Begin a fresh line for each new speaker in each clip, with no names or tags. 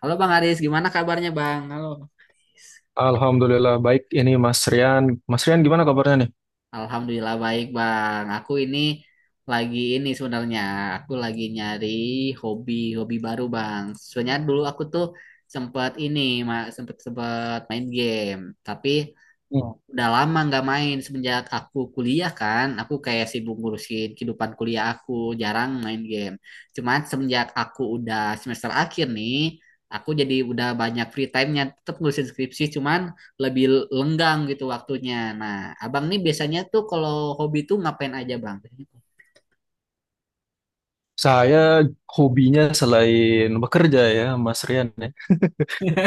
Halo Bang Aris, gimana kabarnya Bang? Halo.
Alhamdulillah baik ini Mas Rian. Mas Rian gimana kabarnya nih?
Alhamdulillah baik Bang. Aku ini lagi ini sebenarnya aku lagi nyari hobi hobi baru Bang. Sebenarnya dulu aku tuh sempat ini sempat sempat main game, tapi
Hmm.
udah lama nggak main semenjak aku kuliah kan aku kayak sibuk ngurusin kehidupan kuliah aku jarang main game cuman semenjak aku udah semester akhir nih aku jadi udah banyak free time-nya tetap ngurusin skripsi cuman lebih lenggang gitu waktunya. Nah, abang nih biasanya tuh kalau hobi tuh ngapain aja bang?
Saya hobinya selain bekerja ya Mas Rian ya.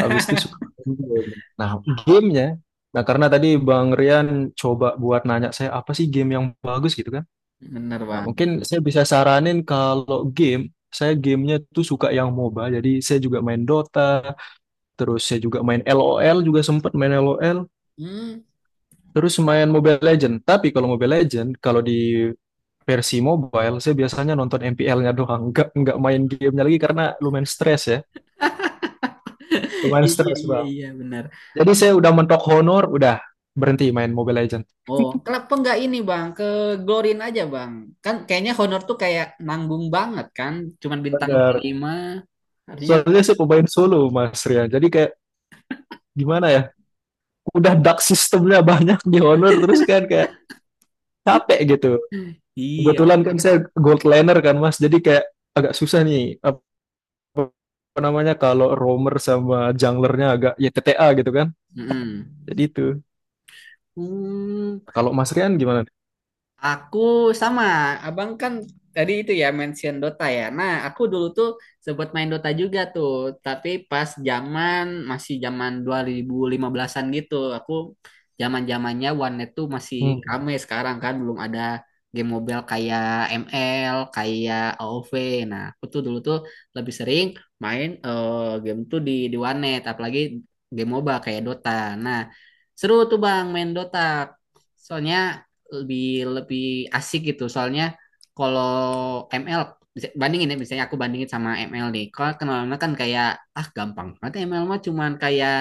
Habis itu suka main game. Nah, gamenya. Nah, karena tadi Bang Rian coba buat nanya saya apa sih game yang bagus gitu kan.
Bener
Nah,
bang.
mungkin saya bisa saranin kalau game, saya gamenya tuh suka yang MOBA. Jadi saya juga main Dota, terus saya juga main LOL juga sempat main LOL.
Hmm.
Terus main Mobile Legend. Tapi kalau Mobile Legend, kalau di versi mobile saya biasanya nonton MPL-nya doang, nggak main gamenya lagi karena lumayan stres ya, lumayan
Iya,
stres
iya,
bang.
iya, bener.
Jadi saya udah mentok honor, udah berhenti main Mobile Legends.
Oh, kenapa nggak ini bang? Ke Glorin aja bang. Kan kayaknya honor tuh kayak nanggung banget kan. Cuman bintang dua
Benar.
puluh lima, Artinya
Soalnya saya pemain solo Mas Rian, jadi kayak gimana ya, udah dark sistemnya banyak di honor terus kan kayak capek gitu.
iya.
Kebetulan kan saya gold laner kan Mas, jadi kayak agak susah nih apa apa namanya kalau roamer sama junglernya agak ya T T a gitu kan.
Mm-mm.
Jadi itu.
Hmm.
Kalau Mas Rian gimana?
Aku sama, abang kan tadi itu ya mention Dota ya. Nah, aku dulu tuh sempat main Dota juga tuh, tapi pas zaman masih zaman 2015-an gitu. Aku zaman-zamannya warnet tuh masih
Hmm,
rame sekarang kan, belum ada game mobile kayak ML, kayak AoV. Nah, aku tuh dulu tuh lebih sering main game tuh di warnet, apalagi game MOBA kayak Dota. Nah, seru tuh Bang main Dota. Soalnya lebih lebih asik gitu. Soalnya kalau ML bandingin ya misalnya aku bandingin sama ML nih. Kalau kenal kan kayak ah gampang. Nanti ML mah cuman kayak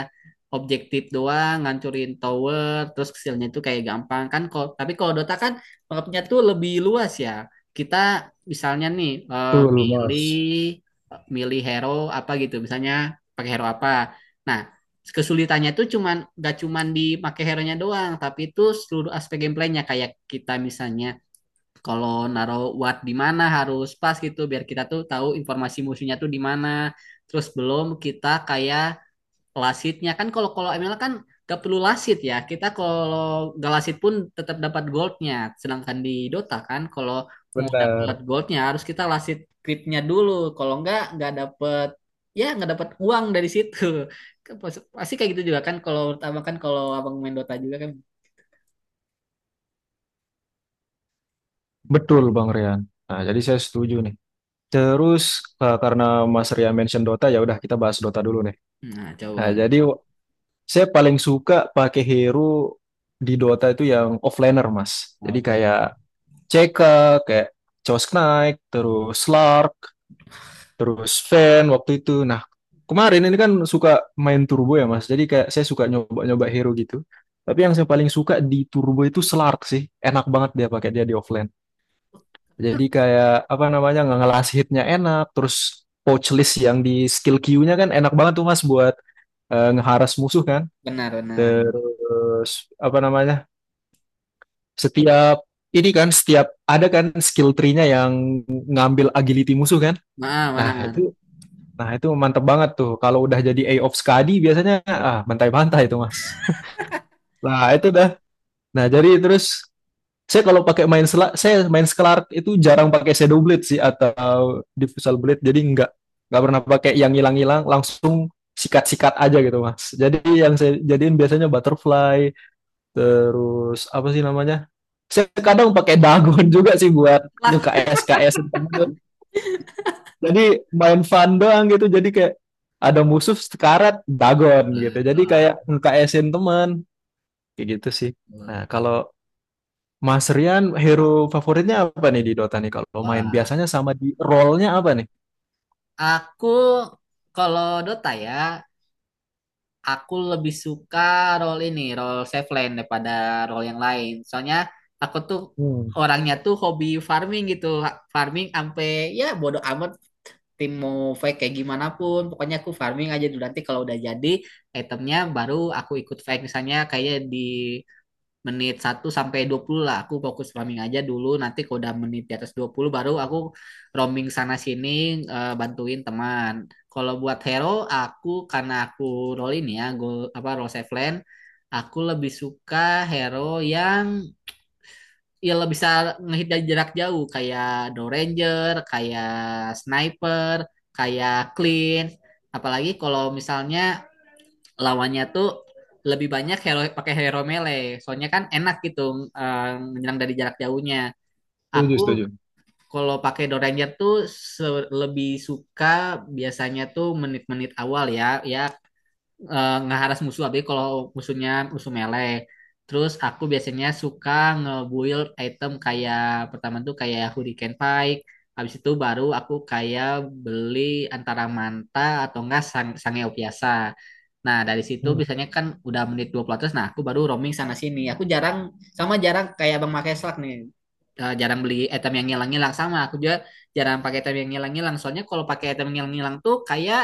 objektif doang, ngancurin tower, terus hasilnya itu kayak gampang kan. Kalau tapi kalau Dota kan mapnya tuh lebih luas ya. Kita misalnya nih
betul Mas.
milih hero apa gitu. Misalnya pakai hero apa. Nah, kesulitannya itu cuman gak cuman di make hero-nya doang, tapi itu seluruh aspek gameplaynya kayak kita misalnya kalau naruh watt di mana harus pas gitu biar kita tuh tahu informasi musuhnya tuh di mana. Terus belum kita kayak Lasitnya kan kalau kalau ML kan gak perlu lasit ya. Kita kalau gak lasit pun tetap dapat goldnya. Sedangkan di Dota kan kalau mau dapat
Benar.
goldnya harus kita lasit critnya dulu. Kalau enggak nggak dapat ya nggak dapat uang dari situ. Pasti kayak gitu juga kan kalau menurut abang kan kalau abang main Dota juga kan.
Betul, Bang Rian. Nah, jadi saya setuju nih. Terus karena Mas Rian mention Dota, ya udah kita bahas Dota dulu nih.
Nah coba.
Nah, jadi saya paling suka pakai hero di Dota itu yang offlaner, Mas.
Nah,
Jadi
plan.
kayak CK, kayak Chaos Knight, terus Slark, terus Fen waktu itu. Nah, kemarin ini kan suka main turbo ya, Mas. Jadi kayak saya suka nyoba-nyoba hero gitu. Tapi yang saya paling suka di turbo itu Slark sih. Enak banget dia pakai dia di offline. Jadi kayak apa namanya nggak ngelas hitnya enak, terus pouch list yang di skill Q-nya kan enak banget tuh Mas buat ngeharas musuh kan.
Benar benar.
Terus apa namanya? Setiap ini kan setiap ada kan skill tree-nya yang ngambil agility musuh kan.
Nah
Nah,
benar.
itu mantep banget tuh. Kalau udah jadi A of Skadi biasanya ah bantai-bantai itu Mas. Nah, itu dah. Nah, jadi terus saya kalau pakai main sela, saya main Scarlet itu jarang pakai Shadow Blade sih atau Diffusal Blade. Jadi nggak pernah pakai yang hilang-hilang, langsung sikat-sikat aja gitu mas. Jadi yang saya jadiin biasanya butterfly, terus apa sih namanya? Saya kadang pakai dagon juga sih buat
Lah.
nge-KS KS temen tuh. Jadi main fun doang gitu. Jadi kayak ada musuh sekarat dagon gitu. Jadi kayak nge-KS-in teman kayak gitu sih. Nah kalau Mas Rian, hero favoritnya apa nih di Dota nih kalau main?
Wah,
Biasanya sama di role-nya apa nih?
aku kalau Dota ya aku lebih suka role ini, role safe lane daripada role yang lain. Soalnya aku tuh
Hmm,
orangnya tuh hobi farming gitu, farming sampai ya bodo amat tim mau fake kayak gimana pun, pokoknya aku farming aja dulu nanti kalau udah jadi itemnya baru aku ikut fake misalnya kayak di menit 1 sampai 20 lah aku fokus roaming aja dulu nanti kalau udah menit di atas 20 baru aku roaming sana sini bantuin teman kalau buat hero aku karena aku roll ini ya go apa roll safe lane aku lebih suka hero yang ya lebih bisa ngehit dari jarak jauh kayak Doranger kayak sniper kayak clean apalagi kalau misalnya lawannya tuh lebih banyak hero pakai hero melee. Soalnya kan enak gitu eh, menyerang dari jarak jauhnya.
setuju,
Aku
setuju.
kalau pakai Doranger tuh lebih suka biasanya tuh menit-menit awal ya. Ya ngeharas musuh tapi kalau musuhnya musuh melee terus aku biasanya suka nge-build item kayak pertama tuh kayak Hurricane Pike habis itu baru aku kayak beli antara manta atau enggak sang sangeo biasa nah dari situ
Hmm,
biasanya kan udah menit 20 nah aku baru roaming sana sini aku jarang sama jarang kayak Bang Make Slug nih jarang beli item yang ngilang-ngilang sama aku juga jarang pakai item yang ngilang-ngilang soalnya kalau pakai item yang ngilang-ngilang tuh kayak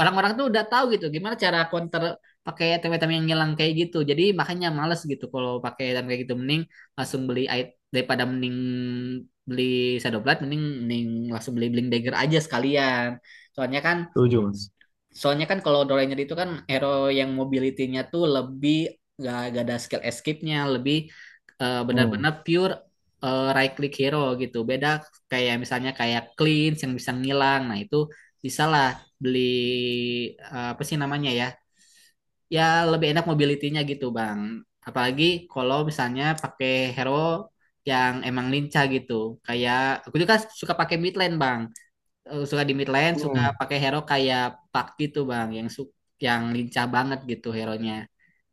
orang-orang tuh udah tahu gitu gimana cara counter pakai item-item yang hilang kayak gitu. Jadi makanya males gitu kalau pakai item kayak gitu mending langsung beli item daripada mending beli Shadow mending mending langsung beli Blink Dagger aja sekalian. Soalnya kan
setuju, Mas.
Soalnya kan kalau Doraemon itu kan hero yang mobility-nya tuh lebih gak ada skill escape-nya, lebih
Hmm.
benar-benar pure right click hero gitu. Beda kayak misalnya kayak Cleanse yang bisa ngilang. Nah, itu bisa lah beli apa sih namanya ya? Ya lebih enak mobility-nya gitu, Bang. Apalagi kalau misalnya pakai hero yang emang lincah gitu. Kayak aku juga suka pakai mid lane, Bang suka di mid lane, suka
Hmm,
pakai hero kayak Pakti tuh Bang, yang lincah banget gitu hero-nya.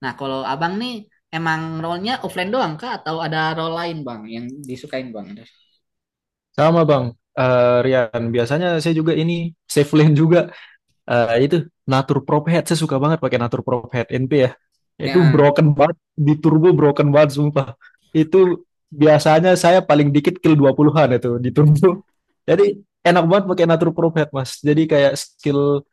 Nah, kalau Abang nih emang role-nya offlane doang kah atau ada role lain Bang yang disukain Bang?
sama Bang. Rian, biasanya saya juga ini safe lane juga. Itu Natur Prop Head, saya suka banget pakai Natur Prop Head NP ya. Itu
Ya,
broken banget, di turbo broken banget sumpah. Itu biasanya saya paling dikit kill 20-an itu di turbo. Jadi enak banget pakai Natur Prop Head, Mas. Jadi kayak skill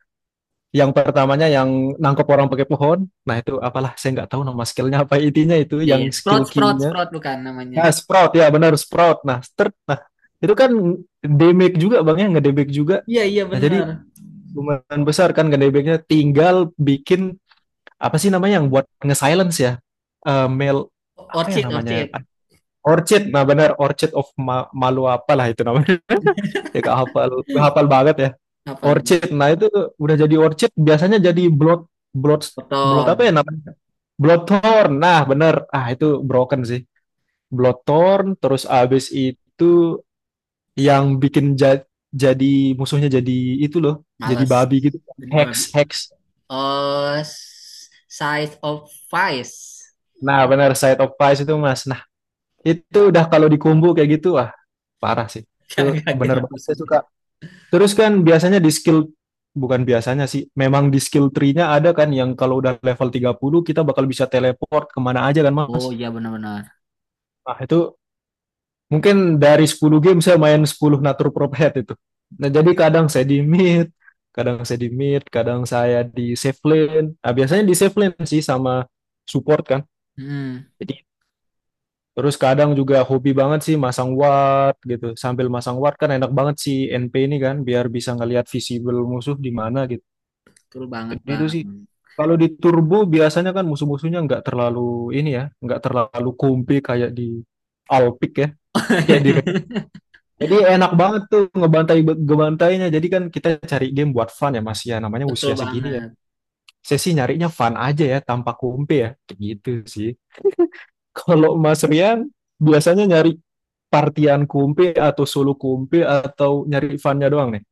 yang pertamanya yang nangkep orang pakai pohon. Nah itu apalah saya nggak tahu nama skillnya apa intinya itu
ya, ya.
yang
Sprout
skill
Sprout
Q-nya.
Sprout bukan namanya.
Nah sprout ya benar sprout. Nah start. Nah itu kan damage juga bang ya ngedamage juga.
Iya, iya,
Nah jadi
benar.
lumayan besar kan ngedamage-nya. Tinggal bikin apa sih namanya yang buat nge-silence ya? Mail apa ya
Orchid
namanya?
Orchid.
Orchid, nah benar Orchid of Ma Malu apalah itu namanya. Ya gak hafal banget ya.
Apa
Orchid.
gue?
Nah, itu udah jadi orchid biasanya jadi blood blood blood apa ya
Proton.
namanya? Bloodthorn. Nah, bener. Ah, itu broken sih. Bloodthorn terus abis itu yang bikin jadi musuhnya jadi itu loh, jadi
Males.
babi gitu.
Jadi babi.
Hex, hex.
Oh, size of Vice.
Nah, bener Side of Pies itu, Mas. Nah, itu udah kalau dikumbu kayak gitu, wah, parah sih. Itu bener
Gak
banget saya
musuhnya.
suka. Terus kan biasanya di skill bukan biasanya sih, memang di skill tree-nya ada kan yang kalau udah level 30 kita bakal bisa teleport kemana aja kan
Oh
Mas.
iya benar-benar.
Nah itu mungkin dari 10 game saya main 10 natur prophet itu. Nah jadi kadang saya di mid, kadang saya di safe lane. Nah biasanya di safe lane sih sama support kan.
Hmm,
Jadi terus kadang juga hobi banget sih masang ward gitu. Sambil masang ward kan enak banget si NP ini kan biar bisa ngelihat visible musuh di mana gitu.
betul banget
Jadi itu
bang.
sih. Kalau di turbo biasanya kan musuh-musuhnya nggak terlalu ini ya, nggak terlalu kumpi kayak di Alpic ya, kayak di Red. Jadi enak banget tuh ngebantai ngebantainya. Jadi kan kita cari game buat fun ya Mas ya, namanya
Betul
usia segini ya.
banget.
Saya sih nyarinya fun aja ya, tanpa kumpi ya, kayak gitu sih. Kalau Mas Rian biasanya nyari partian kumpi atau solo kumpi atau nyari funnya doang nih.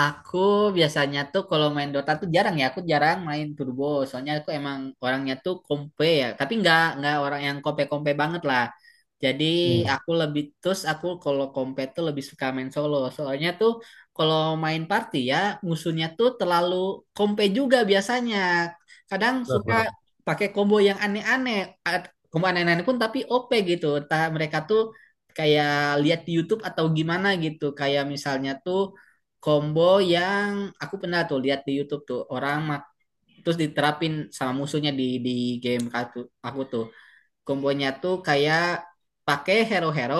Aku biasanya tuh kalau main Dota tuh jarang ya, aku jarang main turbo. Soalnya aku emang orangnya tuh kompe ya, tapi nggak orang yang kompe-kompe banget lah. Jadi
Hmm,
aku lebih terus aku kalau kompe tuh lebih suka main solo. Soalnya tuh kalau main party ya musuhnya tuh terlalu kompe juga biasanya. Kadang
benar
suka
benar.
pakai combo yang aneh-aneh, combo aneh-aneh pun tapi OP gitu. Entah mereka tuh kayak lihat di YouTube atau gimana gitu. Kayak misalnya tuh combo yang aku pernah tuh lihat di YouTube tuh orang mak terus diterapin sama musuhnya di game aku tuh kombonya tuh kayak pakai hero-hero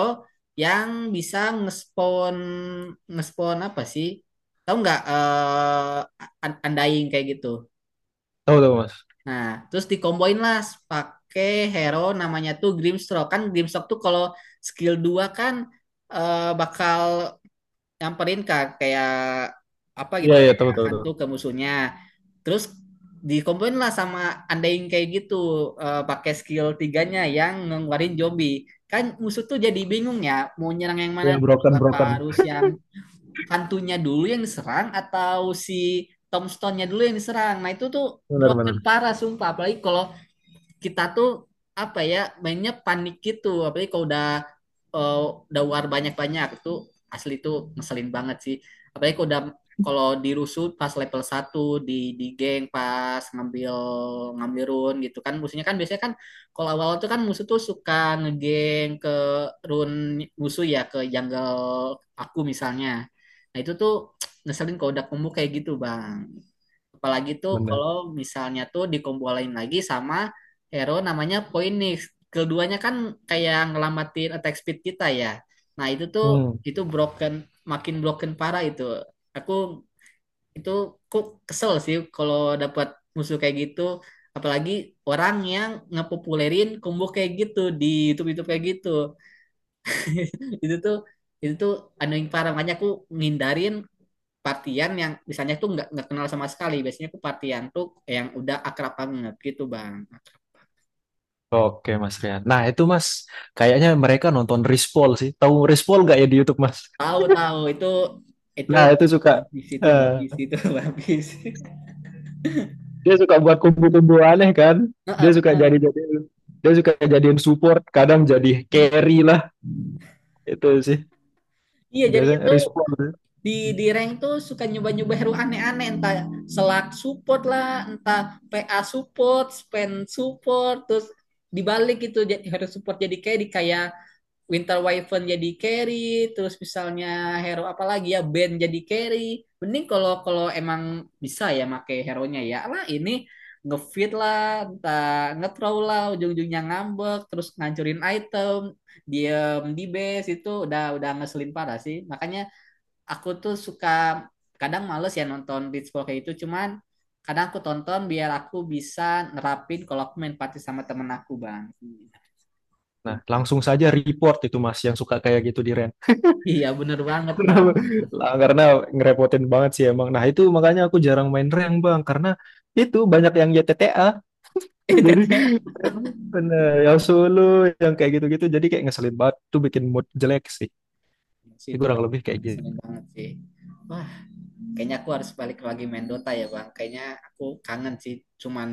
yang bisa ngespon ngespon apa sih tahu nggak undying kayak gitu
Tahu tahu Mas.
nah terus dikomboin lah pakai hero namanya tuh Grimstroke kan Grimstroke tuh kalau skill 2 kan bakal nyamperin kak kayak apa gitu
Iya iya
kayak
tahu tahu tahu.
hantu ke musuhnya terus dikomplain lah sama andain kayak gitu pakai skill 3-nya yang ngeluarin zombie kan musuh tuh jadi bingung ya mau nyerang yang mana
Iya broken
apa
broken.
harus yang hantunya dulu yang diserang atau si tombstone-nya dulu yang diserang nah itu tuh
Benar
broken
benar.
parah sumpah apalagi kalau kita tuh apa ya mainnya panik gitu apalagi kalau udah eh, udah war banyak-banyak itu asli itu ngeselin banget sih apalagi kalau udah kalau dirusuh pas level 1 di geng pas ngambil ngambil run gitu kan musuhnya kan biasanya kan kalau awal tuh kan musuh tuh suka ngegeng ke run musuh ya ke jungle aku misalnya nah itu tuh ngeselin kalau udah kumpul kayak gitu bang. Apalagi tuh
Benar.
kalau misalnya tuh dikumpulin lagi sama hero namanya Phoenix. Keduanya kan kayak ngelambatin attack speed kita ya. Nah itu tuh
Hmm.
itu broken makin broken parah itu. Aku itu kok kesel sih kalau dapat musuh kayak gitu. Apalagi orang yang ngepopulerin combo kayak gitu di YouTube-YouTube kayak gitu. Itu tuh itu tuh anu parah makanya aku ngindarin partian yang misalnya tuh nggak kenal sama sekali biasanya tuh partian tuh yang udah akrab banget gitu bang.
Oke Mas Rian. Nah itu Mas, kayaknya mereka nonton Rispol sih. Tahu Rispol nggak ya di YouTube Mas?
Tahu tahu itu
Nah itu suka,
habis itu
eh,
habis itu habis.
dia suka buat kumpul-kumpul aneh kan? Dia
Heeh,
suka jadi
benar.
jadi, dia suka jadiin support, kadang jadi carry lah itu sih.
Iya jadi
Biasanya
itu
Rispol.
di di rank tuh suka nyoba nyoba hero aneh aneh entah selak support lah entah PA support spend support terus dibalik gitu jadi hero support jadi kayak di kayak Winter Wyvern jadi carry, terus misalnya hero apa lagi ya Ben jadi carry. Mending kalau kalau emang bisa ya make hero-nya ya. Lah ini ngefit lah, entah nge-throw lah, ujung-ujungnya ngambek, terus ngancurin item, diem di base itu udah ngeselin parah sih. Makanya aku tuh suka kadang males ya nonton Blitzball kayak itu, cuman kadang aku tonton biar aku bisa nerapin kalau aku main party sama temen aku bang. Gitu,
Nah
Bang.
langsung saja report itu Mas yang suka kayak gitu di rank.
Iya bener banget
Karena
bang.
karena ngerepotin banget sih emang. Nah itu makanya aku jarang main rank Bang, karena itu banyak yang YTTA. Jadi
ETT
bener, yang solo, yang kayak gitu-gitu. Jadi kayak ngeselin banget. Tuh bikin mood jelek sih. Ini
situ
kurang lebih kayak gitu.
seneng banget sih wah kayaknya aku harus balik lagi main Dota ya bang kayaknya aku kangen sih cuman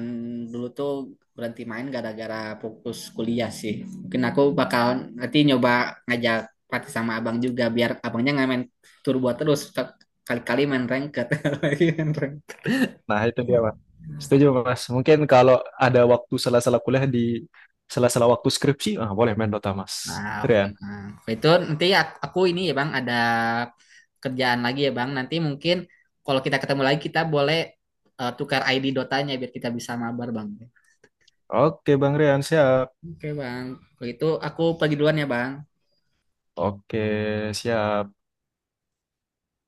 dulu tuh berhenti main gara-gara fokus kuliah sih mungkin aku bakal nanti nyoba ngajak party sama abang juga biar abangnya nggak main turbo terus kali-kali main ranked.
Nah itu dia mas. Setuju mas. Mungkin kalau ada waktu salah-salah kuliah di salah-salah waktu skripsi, ah boleh main Dota mas.
Nah, oke
Rian.
Bang. Itu nanti aku ini ya Bang ada kerjaan lagi ya Bang. Nanti mungkin kalau kita ketemu lagi kita boleh tukar ID Dotanya biar kita bisa mabar Bang.
Oke Bang Rian, siap.
Oke Bang. Kalau itu aku pergi duluan ya Bang.
Oke, siap.